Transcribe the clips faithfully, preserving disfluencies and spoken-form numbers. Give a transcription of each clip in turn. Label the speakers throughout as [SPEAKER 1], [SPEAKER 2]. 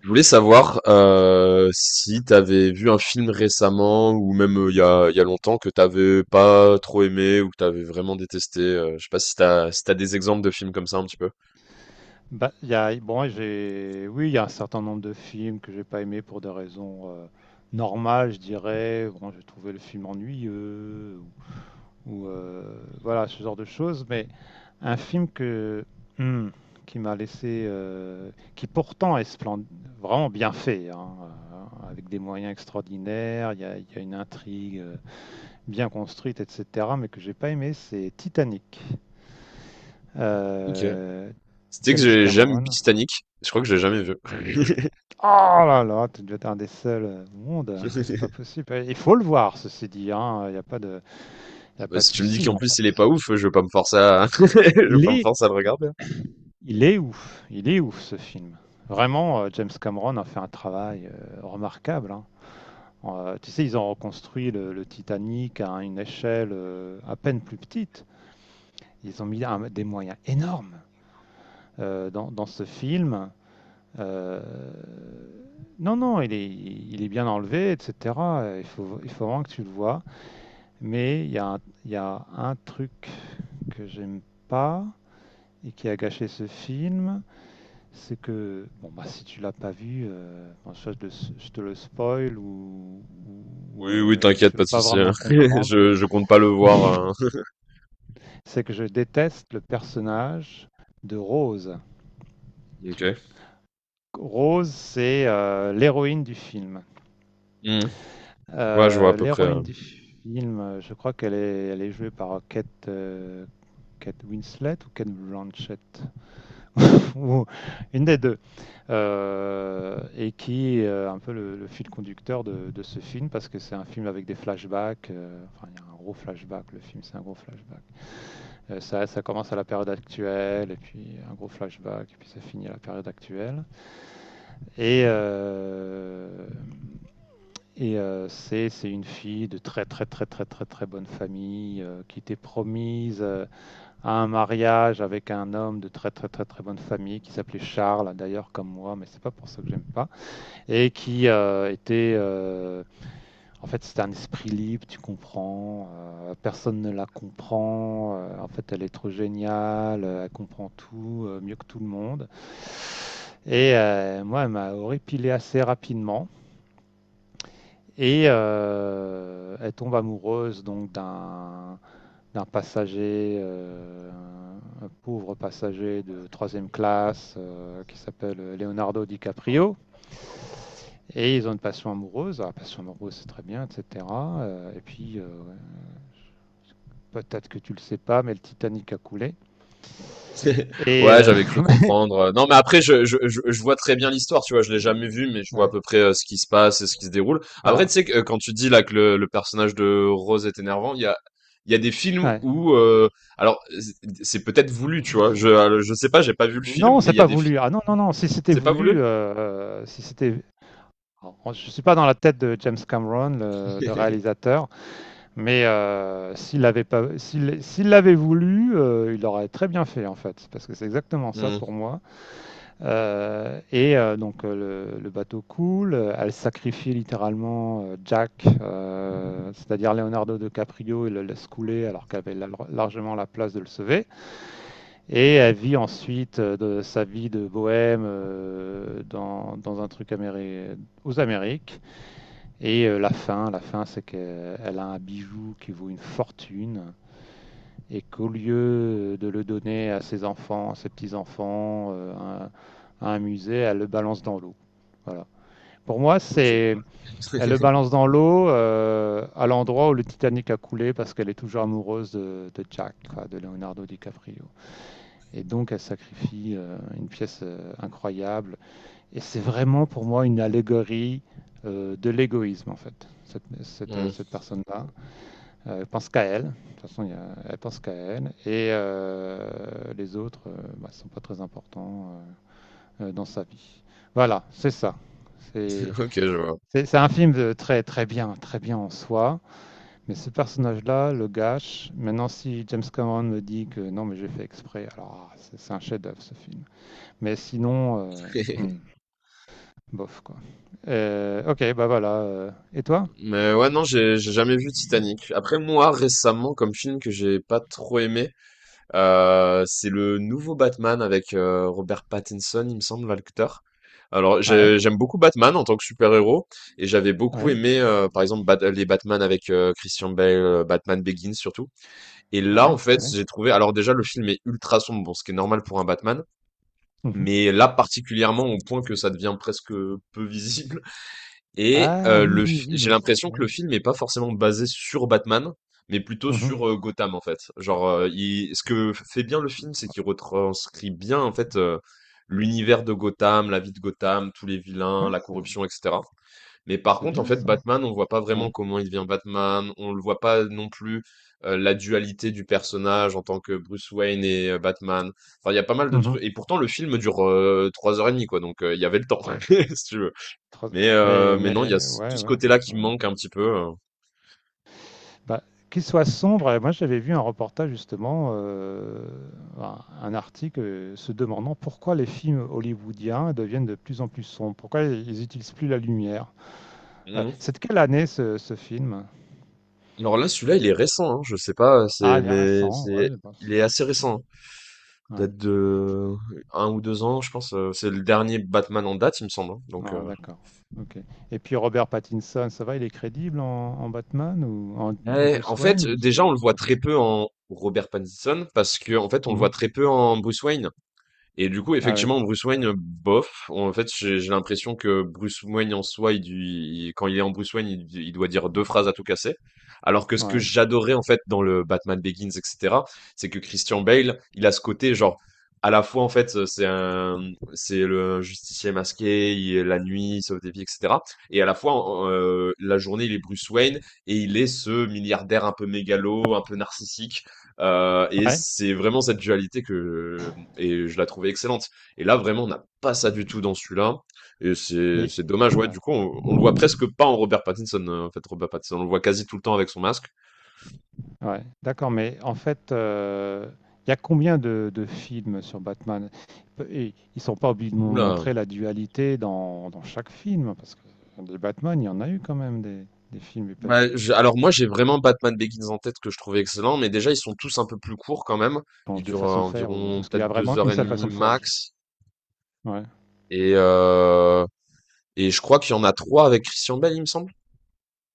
[SPEAKER 1] Je voulais savoir euh, si tu avais vu un film récemment ou même euh, il y a, il y a longtemps que t'avais pas trop aimé ou que t'avais vraiment détesté. euh, je sais pas si t'as si t'as des exemples de films comme ça un petit peu.
[SPEAKER 2] Bah, il y a, bon, j'ai, oui, il y a un certain nombre de films que j'ai pas aimé pour des raisons euh, normales, je dirais. Bon, j'ai trouvé le film ennuyeux ou, ou, euh, voilà ce genre de choses. Mais un film que hmm, qui m'a laissé, euh, qui pourtant est splend- vraiment bien fait, hein, euh, avec des moyens extraordinaires. Il y a, il y a une intrigue euh, bien construite, et cetera. Mais que j'ai pas aimé, c'est Titanic.
[SPEAKER 1] Ok.
[SPEAKER 2] Euh,
[SPEAKER 1] C'était que
[SPEAKER 2] James
[SPEAKER 1] j'ai jamais vu
[SPEAKER 2] Cameron.
[SPEAKER 1] Titanic. Je crois que j'ai jamais vu.
[SPEAKER 2] Oh là là, tu dois être un des seuls au monde. C'est pas possible. Il faut le voir, ceci dit, hein. Il n'y a pas de, il y a
[SPEAKER 1] Bah,
[SPEAKER 2] pas de
[SPEAKER 1] si tu me dis
[SPEAKER 2] souci,
[SPEAKER 1] qu'en
[SPEAKER 2] non.
[SPEAKER 1] plus il est pas ouf, je vais pas me forcer à je vais
[SPEAKER 2] Il
[SPEAKER 1] pas me
[SPEAKER 2] est,
[SPEAKER 1] forcer à le regarder. Hein.
[SPEAKER 2] il est ouf. Il est ouf, ce film. Vraiment, euh, James Cameron a fait un travail euh, remarquable, hein. Euh, tu sais, ils ont reconstruit le, le Titanic à une échelle euh, à peine plus petite. Ils ont mis un- des moyens énormes euh, dans, dans ce film. Euh, non, non, il est, il est bien enlevé, et cetera. Il faut, il faut vraiment que tu le vois. Mais il y a, un- il y a un truc que j'aime pas et qui a gâché ce film, c'est que, bon, bah, si tu l'as pas vu, euh, bon, soit je, te le- je te le spoil ou, ou- ou,
[SPEAKER 1] Oui, oui,
[SPEAKER 2] euh,
[SPEAKER 1] t'inquiète,
[SPEAKER 2] tu
[SPEAKER 1] pas
[SPEAKER 2] vas
[SPEAKER 1] de
[SPEAKER 2] pas
[SPEAKER 1] souci. Hein.
[SPEAKER 2] vraiment comprendre,
[SPEAKER 1] Je je compte pas le voir. Hein.
[SPEAKER 2] c'est que je déteste le personnage de Rose.
[SPEAKER 1] Ok.
[SPEAKER 2] Rose, c'est euh, l'héroïne du film.
[SPEAKER 1] Hmm. Ouais, je vois à
[SPEAKER 2] Euh,
[SPEAKER 1] peu près. euh.
[SPEAKER 2] l'héroïne du film, euh, je crois qu'elle est, elle est jouée par Kate, euh, Kate Winslet ou Kate Blanchett, ou une des deux. Euh, et qui est euh, un peu le, le fil conducteur de, de, ce film parce que c'est un film avec des flashbacks. Euh, enfin, il y a un gros flashback. Le film, c'est un gros flashback. Euh, ça, ça commence à la période actuelle et puis un gros flashback et puis ça finit à la période actuelle. Et euh, et euh, c'est c'est une fille de très très très très très très bonne famille euh, qui était promise euh, à un mariage avec un homme de très très très très bonne famille qui s'appelait Charles d'ailleurs comme moi mais c'est pas pour ça que j'aime pas et qui euh, était euh, en fait c'est un esprit libre, tu comprends, euh, personne ne la comprend, euh, en fait elle est trop géniale, euh, elle comprend tout euh, mieux que tout le monde. Et euh, moi elle m'a horripilé assez rapidement et euh, elle tombe amoureuse donc d'un d'un passager, euh, un pauvre passager de troisième classe euh, qui s'appelle Leonardo DiCaprio. Et ils ont une passion amoureuse. Ah, passion amoureuse, c'est très bien, et cetera. Euh, et puis, euh, Peut-être que tu le sais pas, mais le Titanic a coulé. Et
[SPEAKER 1] Ouais,
[SPEAKER 2] euh,
[SPEAKER 1] j'avais cru comprendre. Non, mais après, je, je, je, je vois très bien l'histoire, tu vois. Je l'ai jamais vu, mais je vois à
[SPEAKER 2] ouais,
[SPEAKER 1] peu près euh, ce qui se passe et ce qui se déroule. Après, tu
[SPEAKER 2] voilà.
[SPEAKER 1] sais, que, euh, quand tu dis là que le, le personnage de Rose est énervant, il y a, il y a des films
[SPEAKER 2] Ouais.
[SPEAKER 1] où, euh, alors, c'est c'est peut-être voulu, tu vois. Je, je sais pas, j'ai pas vu le film,
[SPEAKER 2] Non,
[SPEAKER 1] mais
[SPEAKER 2] c'est
[SPEAKER 1] il y a
[SPEAKER 2] pas
[SPEAKER 1] des
[SPEAKER 2] voulu.
[SPEAKER 1] films.
[SPEAKER 2] Ah non, non, non. Si c'était
[SPEAKER 1] C'est pas
[SPEAKER 2] voulu,
[SPEAKER 1] voulu?
[SPEAKER 2] euh, euh, si c'était. Alors, je suis pas dans la tête de James Cameron, le, le réalisateur, mais euh, s'il l'avait pas, s'il, s'il l'avait voulu, euh, il aurait très bien fait en fait, parce que c'est exactement ça
[SPEAKER 1] Hmm.
[SPEAKER 2] pour moi. Euh, et euh, donc euh, le, le bateau coule, euh, elle sacrifie littéralement euh, Jack, euh, c'est-à-dire Leonardo DiCaprio, et le laisse couler alors qu'elle avait lar- largement la place de le sauver. Et elle vit ensuite euh, de sa vie de bohème euh, dans, dans un truc améri- aux Amériques. Et euh, la fin, la fin, c'est qu'elle a un bijou qui vaut une fortune et qu'au lieu de le donner à ses enfants, à ses petits-enfants, euh, à, un- à un musée, elle le balance dans l'eau. Voilà. Pour moi,
[SPEAKER 1] Ok.
[SPEAKER 2] c'est, Elle le balance dans l'eau euh, à l'endroit où le Titanic a coulé parce qu'elle est toujours amoureuse de, de Jack, quoi, de Leonardo DiCaprio. Et donc, elle sacrifie euh, une pièce euh, incroyable. Et c'est vraiment pour moi une allégorie euh, de l'égoïsme, en fait, cette, cette,
[SPEAKER 1] Hmm.
[SPEAKER 2] cette personne-là. Euh, Elle pense qu'à elle. De toute façon, il y a- elle pense qu'à elle. Et euh, les autres ne euh, bah, sont pas très importants euh, euh, dans, sa vie. Voilà, c'est ça. C'est
[SPEAKER 1] Ok, je vois.
[SPEAKER 2] c'est- c'est un film de très très bien, très bien en soi. Mais ce personnage-là le gâche. Maintenant, si James Cameron me dit que non, mais j'ai fait exprès, alors ah, c'est c'est un chef-d'œuvre ce film. Mais sinon, euh, hmm, bof quoi. Euh, ok, bah voilà. euh. Et toi?
[SPEAKER 1] Mais ouais, non, j'ai j'ai jamais vu Titanic. Après, moi, récemment, comme film que j'ai pas trop aimé, Heu, c'est le nouveau Batman avec, heu, Robert Pattinson, il me semble, l'acteur. Alors
[SPEAKER 2] Ouais,
[SPEAKER 1] j'ai j'aime beaucoup Batman en tant que super-héros, et j'avais beaucoup
[SPEAKER 2] ouais,
[SPEAKER 1] aimé, heu, par exemple, Bat les Batman avec, heu, Christian Bale, heu, Batman Begins surtout. Et là, en
[SPEAKER 2] ouais,
[SPEAKER 1] fait,
[SPEAKER 2] ouais.
[SPEAKER 1] j'ai trouvé, alors déjà le film est ultra sombre, bon, ce qui est normal pour un Batman,
[SPEAKER 2] Mhm.
[SPEAKER 1] mais là particulièrement au point que ça devient presque peu visible. Et
[SPEAKER 2] Ah
[SPEAKER 1] heu, le f
[SPEAKER 2] oui, oui,
[SPEAKER 1] j'ai
[SPEAKER 2] mais.
[SPEAKER 1] l'impression que
[SPEAKER 2] Ouais.
[SPEAKER 1] le film est pas forcément basé sur Batman, mais plutôt
[SPEAKER 2] Mmh.
[SPEAKER 1] sur, heu, Gotham, en fait. Genre, heu, il ce que fait bien le film, c'est
[SPEAKER 2] Ah
[SPEAKER 1] qu'il retranscrit bien, en fait, heu, l'univers de Gotham, la vie de Gotham, tous les vilains,
[SPEAKER 2] ouais,
[SPEAKER 1] la
[SPEAKER 2] c'est bah,
[SPEAKER 1] corruption, et cetera. Mais par
[SPEAKER 2] c'est
[SPEAKER 1] contre, en
[SPEAKER 2] bien
[SPEAKER 1] fait,
[SPEAKER 2] ça,
[SPEAKER 1] Batman, on voit pas
[SPEAKER 2] ouais.
[SPEAKER 1] vraiment comment il devient Batman, on le voit pas non plus, heu, la dualité du personnage en tant que Bruce Wayne et heu, Batman. Enfin, il y a pas mal de
[SPEAKER 2] Mmh mh.
[SPEAKER 1] trucs. Et pourtant le film dure, heu, 3 heures et demie, quoi, donc heu, il y avait le temps, si tu veux. Mais,
[SPEAKER 2] mais
[SPEAKER 1] heu, mais non, il y a
[SPEAKER 2] mais
[SPEAKER 1] ce tout
[SPEAKER 2] ouais,
[SPEAKER 1] ce
[SPEAKER 2] ouais,
[SPEAKER 1] côté-là qui me
[SPEAKER 2] carrément.
[SPEAKER 1] manque un petit peu, heu.
[SPEAKER 2] Bah, qu'il soit sombre, heu, moi j'avais vu un reportage justement, heu, un un article, heu, se demandant pourquoi les films hollywoodiens deviennent de plus en plus sombres? Pourquoi ils n'utilisent plus la lumière? Heu,
[SPEAKER 1] Mmh.
[SPEAKER 2] c'est de quelle année ce ce film?
[SPEAKER 1] Alors là, celui-là, il est récent, hein. Je sais pas,
[SPEAKER 2] Ah
[SPEAKER 1] c'est
[SPEAKER 2] il est
[SPEAKER 1] mais
[SPEAKER 2] récent, ouais,
[SPEAKER 1] c'est
[SPEAKER 2] bah,
[SPEAKER 1] il
[SPEAKER 2] c'est
[SPEAKER 1] est assez
[SPEAKER 2] peut-être ça.
[SPEAKER 1] récent, hein.
[SPEAKER 2] Ouais.
[SPEAKER 1] Date de un ou deux ans, je pense, heu, c'est le dernier Batman en date, il me semble, hein, donc,
[SPEAKER 2] Ouais,
[SPEAKER 1] heu
[SPEAKER 2] d'accord. OK. Et puis Robert Pattinson, ça va, il est crédible en en Batman ou en en
[SPEAKER 1] ouais, en
[SPEAKER 2] Bruce Wayne
[SPEAKER 1] fait,
[SPEAKER 2] ou c'est
[SPEAKER 1] déjà, on le voit
[SPEAKER 2] pas
[SPEAKER 1] très
[SPEAKER 2] trop?
[SPEAKER 1] peu en Robert Pattinson parce que en fait, on le voit
[SPEAKER 2] Mmh.
[SPEAKER 1] très peu en Bruce Wayne. Et du coup,
[SPEAKER 2] Ah oui,
[SPEAKER 1] effectivement, Bruce Wayne, euh, bof. En fait, j'ai j'ai l'impression que Bruce Wayne en soi, il, il- quand il est en Bruce Wayne, il, il doit dire deux phrases à tout casser. Alors que ce que
[SPEAKER 2] ouais.
[SPEAKER 1] j'adorais en fait dans le Batman Begins, et cetera, c'est que Christian Bale, il a ce côté genre à la fois en fait euh, c'est un c'est le justicier masqué, il est la nuit, il sauve des vies, et cetera. Et à la fois euh, la journée, il est Bruce Wayne et il est ce milliardaire un peu mégalo, un peu narcissique. Euh, et
[SPEAKER 2] Ouais,
[SPEAKER 1] c'est vraiment cette dualité que et je la trouvais excellente. Et là, vraiment, on n'a pas ça du tout dans celui-là. Et c'est
[SPEAKER 2] mais
[SPEAKER 1] c'est dommage, ouais.
[SPEAKER 2] ouais,
[SPEAKER 1] Du coup, on, on le voit presque pas en Robert Pattinson. euh, En fait, Robert Pattinson, on le voit quasi tout le temps avec son masque.
[SPEAKER 2] ouais. D'accord, mais en fait, euh, il y a combien de, de films sur Batman? Et ils sont pas obligés de nous
[SPEAKER 1] Oula.
[SPEAKER 2] montrer la dualité dans, dans chaque film, parce que des Batman, il y en a eu quand même des, des films qui
[SPEAKER 1] Bah, je- alors moi, j'ai vraiment Batman Begins en tête que je trouvais excellent, mais déjà, ils sont tous un peu plus courts quand même. Ils
[SPEAKER 2] changent de
[SPEAKER 1] durent euh,
[SPEAKER 2] façon de faire, ou, ou
[SPEAKER 1] environ
[SPEAKER 2] est-ce qu'il y
[SPEAKER 1] peut-être
[SPEAKER 2] a
[SPEAKER 1] deux
[SPEAKER 2] vraiment
[SPEAKER 1] heures
[SPEAKER 2] une
[SPEAKER 1] et
[SPEAKER 2] seule
[SPEAKER 1] demie
[SPEAKER 2] façon de faire? je-
[SPEAKER 1] max.
[SPEAKER 2] Ouais.
[SPEAKER 1] Et euh, et je crois qu'il y en a trois avec Christian Bale, il me semble.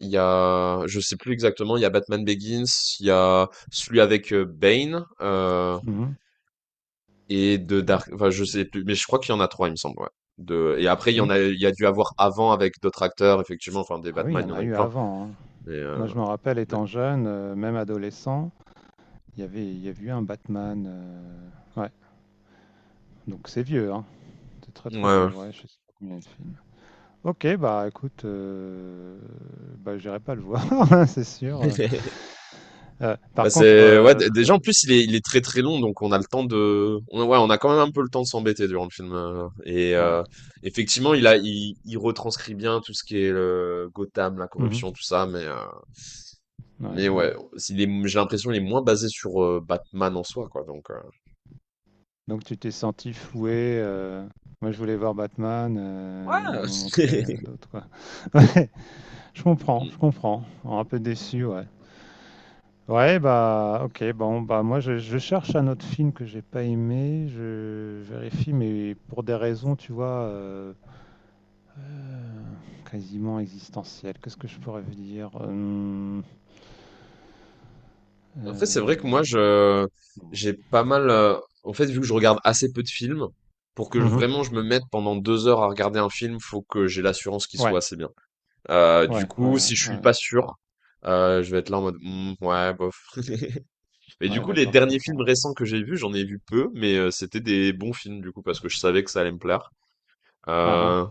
[SPEAKER 1] Il y a, je sais plus exactement, il y a Batman Begins, il y a celui avec euh, Bane, euh,
[SPEAKER 2] Mhm.
[SPEAKER 1] et de
[SPEAKER 2] D'accord.
[SPEAKER 1] Dark, enfin je sais plus, mais je crois qu'il y en a trois, il me semble, ouais. De, et après il y en
[SPEAKER 2] Mm.
[SPEAKER 1] a, il y a dû avoir avant avec d'autres acteurs, effectivement, enfin des
[SPEAKER 2] Ah oui, il y
[SPEAKER 1] Batman, il y
[SPEAKER 2] en
[SPEAKER 1] en
[SPEAKER 2] a
[SPEAKER 1] a eu
[SPEAKER 2] eu
[SPEAKER 1] plein.
[SPEAKER 2] avant, hein.
[SPEAKER 1] Mais, euh,
[SPEAKER 2] Moi, je me rappelle,
[SPEAKER 1] mais-
[SPEAKER 2] étant jeune, euh, même adolescent, il y avait, il y a eu un Batman. euh, Ouais, donc c'est vieux, hein. C'est très
[SPEAKER 1] ouais.
[SPEAKER 2] très
[SPEAKER 1] Ouais.
[SPEAKER 2] vieux, ouais, je sais pas combien il y a de films. Ok, bah écoute, euh, bah j'irai pas le voir, hein, c'est sûr. Euh,
[SPEAKER 1] Bah
[SPEAKER 2] par contre,
[SPEAKER 1] c'est ouais,
[SPEAKER 2] euh,
[SPEAKER 1] d- déjà en plus il est, il est très très long, donc on a le temps de, on, ouais, on a quand même un peu le temps de s'embêter durant le film. euh, et
[SPEAKER 2] ouais.
[SPEAKER 1] euh, effectivement, il a, il, il retranscrit bien tout ce qui est le Gotham, la
[SPEAKER 2] Mhm.
[SPEAKER 1] corruption, tout ça, mais euh,
[SPEAKER 2] Ouais,
[SPEAKER 1] mais
[SPEAKER 2] ouais.
[SPEAKER 1] ouais, s'il est, j'ai l'impression il est moins basé sur euh, Batman en soi, quoi. Donc euh,
[SPEAKER 2] Donc tu t'es senti floué. euh, Moi je voulais voir Batman, euh, ils m'ont montré
[SPEAKER 1] ouais.
[SPEAKER 2] euh, d'autres quoi. Ouais, je comprends, je comprends. Oh, un peu déçu, ouais. Ouais, bah ok, bon, bah moi je, je cherche un autre film que j'ai pas aimé, je vérifie, mais pour des raisons, tu vois, euh, Euh, quasiment existentiel. Qu'est-ce que je pourrais vous dire? Hum,
[SPEAKER 1] En fait, c'est vrai que
[SPEAKER 2] euh,
[SPEAKER 1] moi, je, j'ai pas mal. euh, en fait, vu que je regarde assez peu de films, pour que je-
[SPEAKER 2] mhm.
[SPEAKER 1] vraiment je me mette pendant deux heures à regarder un film, faut que j'ai l'assurance qu'il soit
[SPEAKER 2] Ouais,
[SPEAKER 1] assez bien. Euh, du
[SPEAKER 2] ouais, ouais,
[SPEAKER 1] coup,
[SPEAKER 2] ouais,
[SPEAKER 1] si je suis
[SPEAKER 2] ouais,
[SPEAKER 1] pas sûr, euh, je vais être là en mode Hmm, ouais, bof. Mais du
[SPEAKER 2] Ouais,
[SPEAKER 1] coup, les
[SPEAKER 2] d'accord, je
[SPEAKER 1] derniers films
[SPEAKER 2] comprends.
[SPEAKER 1] récents que j'ai vus, j'en ai vu peu, mais euh, c'était des bons films du coup parce que je savais que ça allait me plaire.
[SPEAKER 2] Ah ah,
[SPEAKER 1] Euh,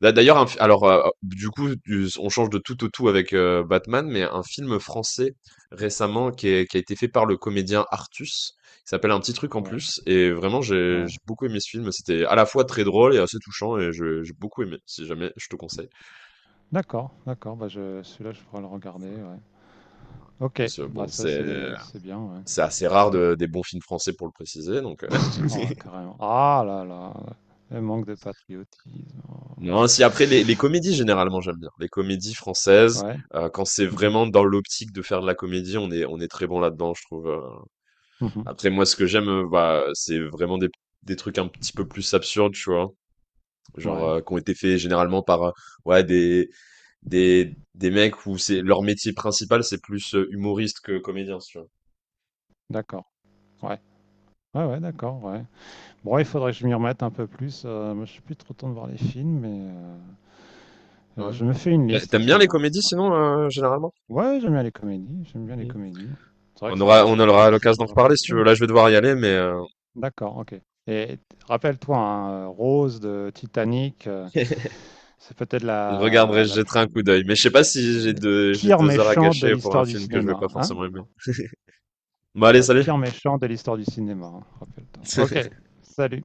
[SPEAKER 1] D'a d'ailleurs, un fi alors, heu, du coup, du on change de tout au tout avec, heu, Batman, mais un film français récemment qui est qui a été fait par le comédien Artus. Il s'appelle Un petit truc en
[SPEAKER 2] ouais,
[SPEAKER 1] plus et vraiment j'ai
[SPEAKER 2] ouais.
[SPEAKER 1] j'ai beaucoup aimé ce film. C'était à la fois très drôle et assez touchant et je j'ai beaucoup aimé, si jamais, je te conseille.
[SPEAKER 2] D'accord, d'accord, bah je, celui-là, je pourrais le regarder, ouais.
[SPEAKER 1] Voilà.
[SPEAKER 2] Ok,
[SPEAKER 1] Parce que
[SPEAKER 2] bah
[SPEAKER 1] bon,
[SPEAKER 2] ça,
[SPEAKER 1] c'est
[SPEAKER 2] c'est, c'est bien,
[SPEAKER 1] c'est
[SPEAKER 2] ouais.
[SPEAKER 1] assez rare de des bons films français pour le préciser donc, heu
[SPEAKER 2] Oh, carrément. Ah là là, le manque de patriotisme. Oh.
[SPEAKER 1] non, si après les les comédies généralement j'aime bien. Les comédies françaises,
[SPEAKER 2] Ouais,
[SPEAKER 1] heu, quand c'est
[SPEAKER 2] mhm,
[SPEAKER 1] vraiment dans l'optique de faire de la comédie, on est on est très bon là-dedans je trouve, euh,
[SPEAKER 2] mhm,
[SPEAKER 1] Après, moi, ce que j'aime, euh, bah, c'est vraiment des, des trucs un petit peu plus absurdes, tu vois. Genre,
[SPEAKER 2] Ouais,
[SPEAKER 1] euh, qui ont été faits généralement par, euh, ouais, des, des, des mecs où c'est, leur métier principal, c'est plus euh, humoriste que comédien, si tu
[SPEAKER 2] d'accord, ouais, ouais, ouais, d'accord, ouais. Bon, il faudrait que je m'y remette un peu plus. Euh, moi, je suis plus trop temps de voir les films, mais euh, euh,
[SPEAKER 1] vois. Ouais.
[SPEAKER 2] je me fais une
[SPEAKER 1] T'a-
[SPEAKER 2] liste en
[SPEAKER 1] T'aimes
[SPEAKER 2] ce
[SPEAKER 1] bien les
[SPEAKER 2] moment.
[SPEAKER 1] comédies,
[SPEAKER 2] Ouais,
[SPEAKER 1] sinon, euh, généralement?
[SPEAKER 2] ouais, j'aime bien les comédies. J'aime bien les
[SPEAKER 1] Mm.
[SPEAKER 2] comédies. C'est vrai que
[SPEAKER 1] On aura,
[SPEAKER 2] ça,
[SPEAKER 1] on
[SPEAKER 2] ça fait,
[SPEAKER 1] aura
[SPEAKER 2] ça
[SPEAKER 1] l'occasion d'en
[SPEAKER 2] change un peu
[SPEAKER 1] reparler, si tu veux.
[SPEAKER 2] l'esprit.
[SPEAKER 1] Là, je vais devoir y aller, mais, euh,
[SPEAKER 2] D'accord, ok. Et t- rappelle-toi, hein, euh, Rose de Titanic, euh, c'est peut-être
[SPEAKER 1] je regarderai,
[SPEAKER 2] la,
[SPEAKER 1] je
[SPEAKER 2] la,
[SPEAKER 1] jetterai un coup d'œil. Mais je sais pas si j'ai
[SPEAKER 2] la
[SPEAKER 1] deux, j'ai
[SPEAKER 2] pire
[SPEAKER 1] deux heures à
[SPEAKER 2] méchante de
[SPEAKER 1] gâcher pour un
[SPEAKER 2] l'histoire du
[SPEAKER 1] film que je vais pas
[SPEAKER 2] cinéma, hein?
[SPEAKER 1] forcément aimer. Bon,
[SPEAKER 2] C'est
[SPEAKER 1] allez,
[SPEAKER 2] la
[SPEAKER 1] salut!
[SPEAKER 2] pire méchante de l'histoire du cinéma, hein, rappelle-toi. Ok, salut.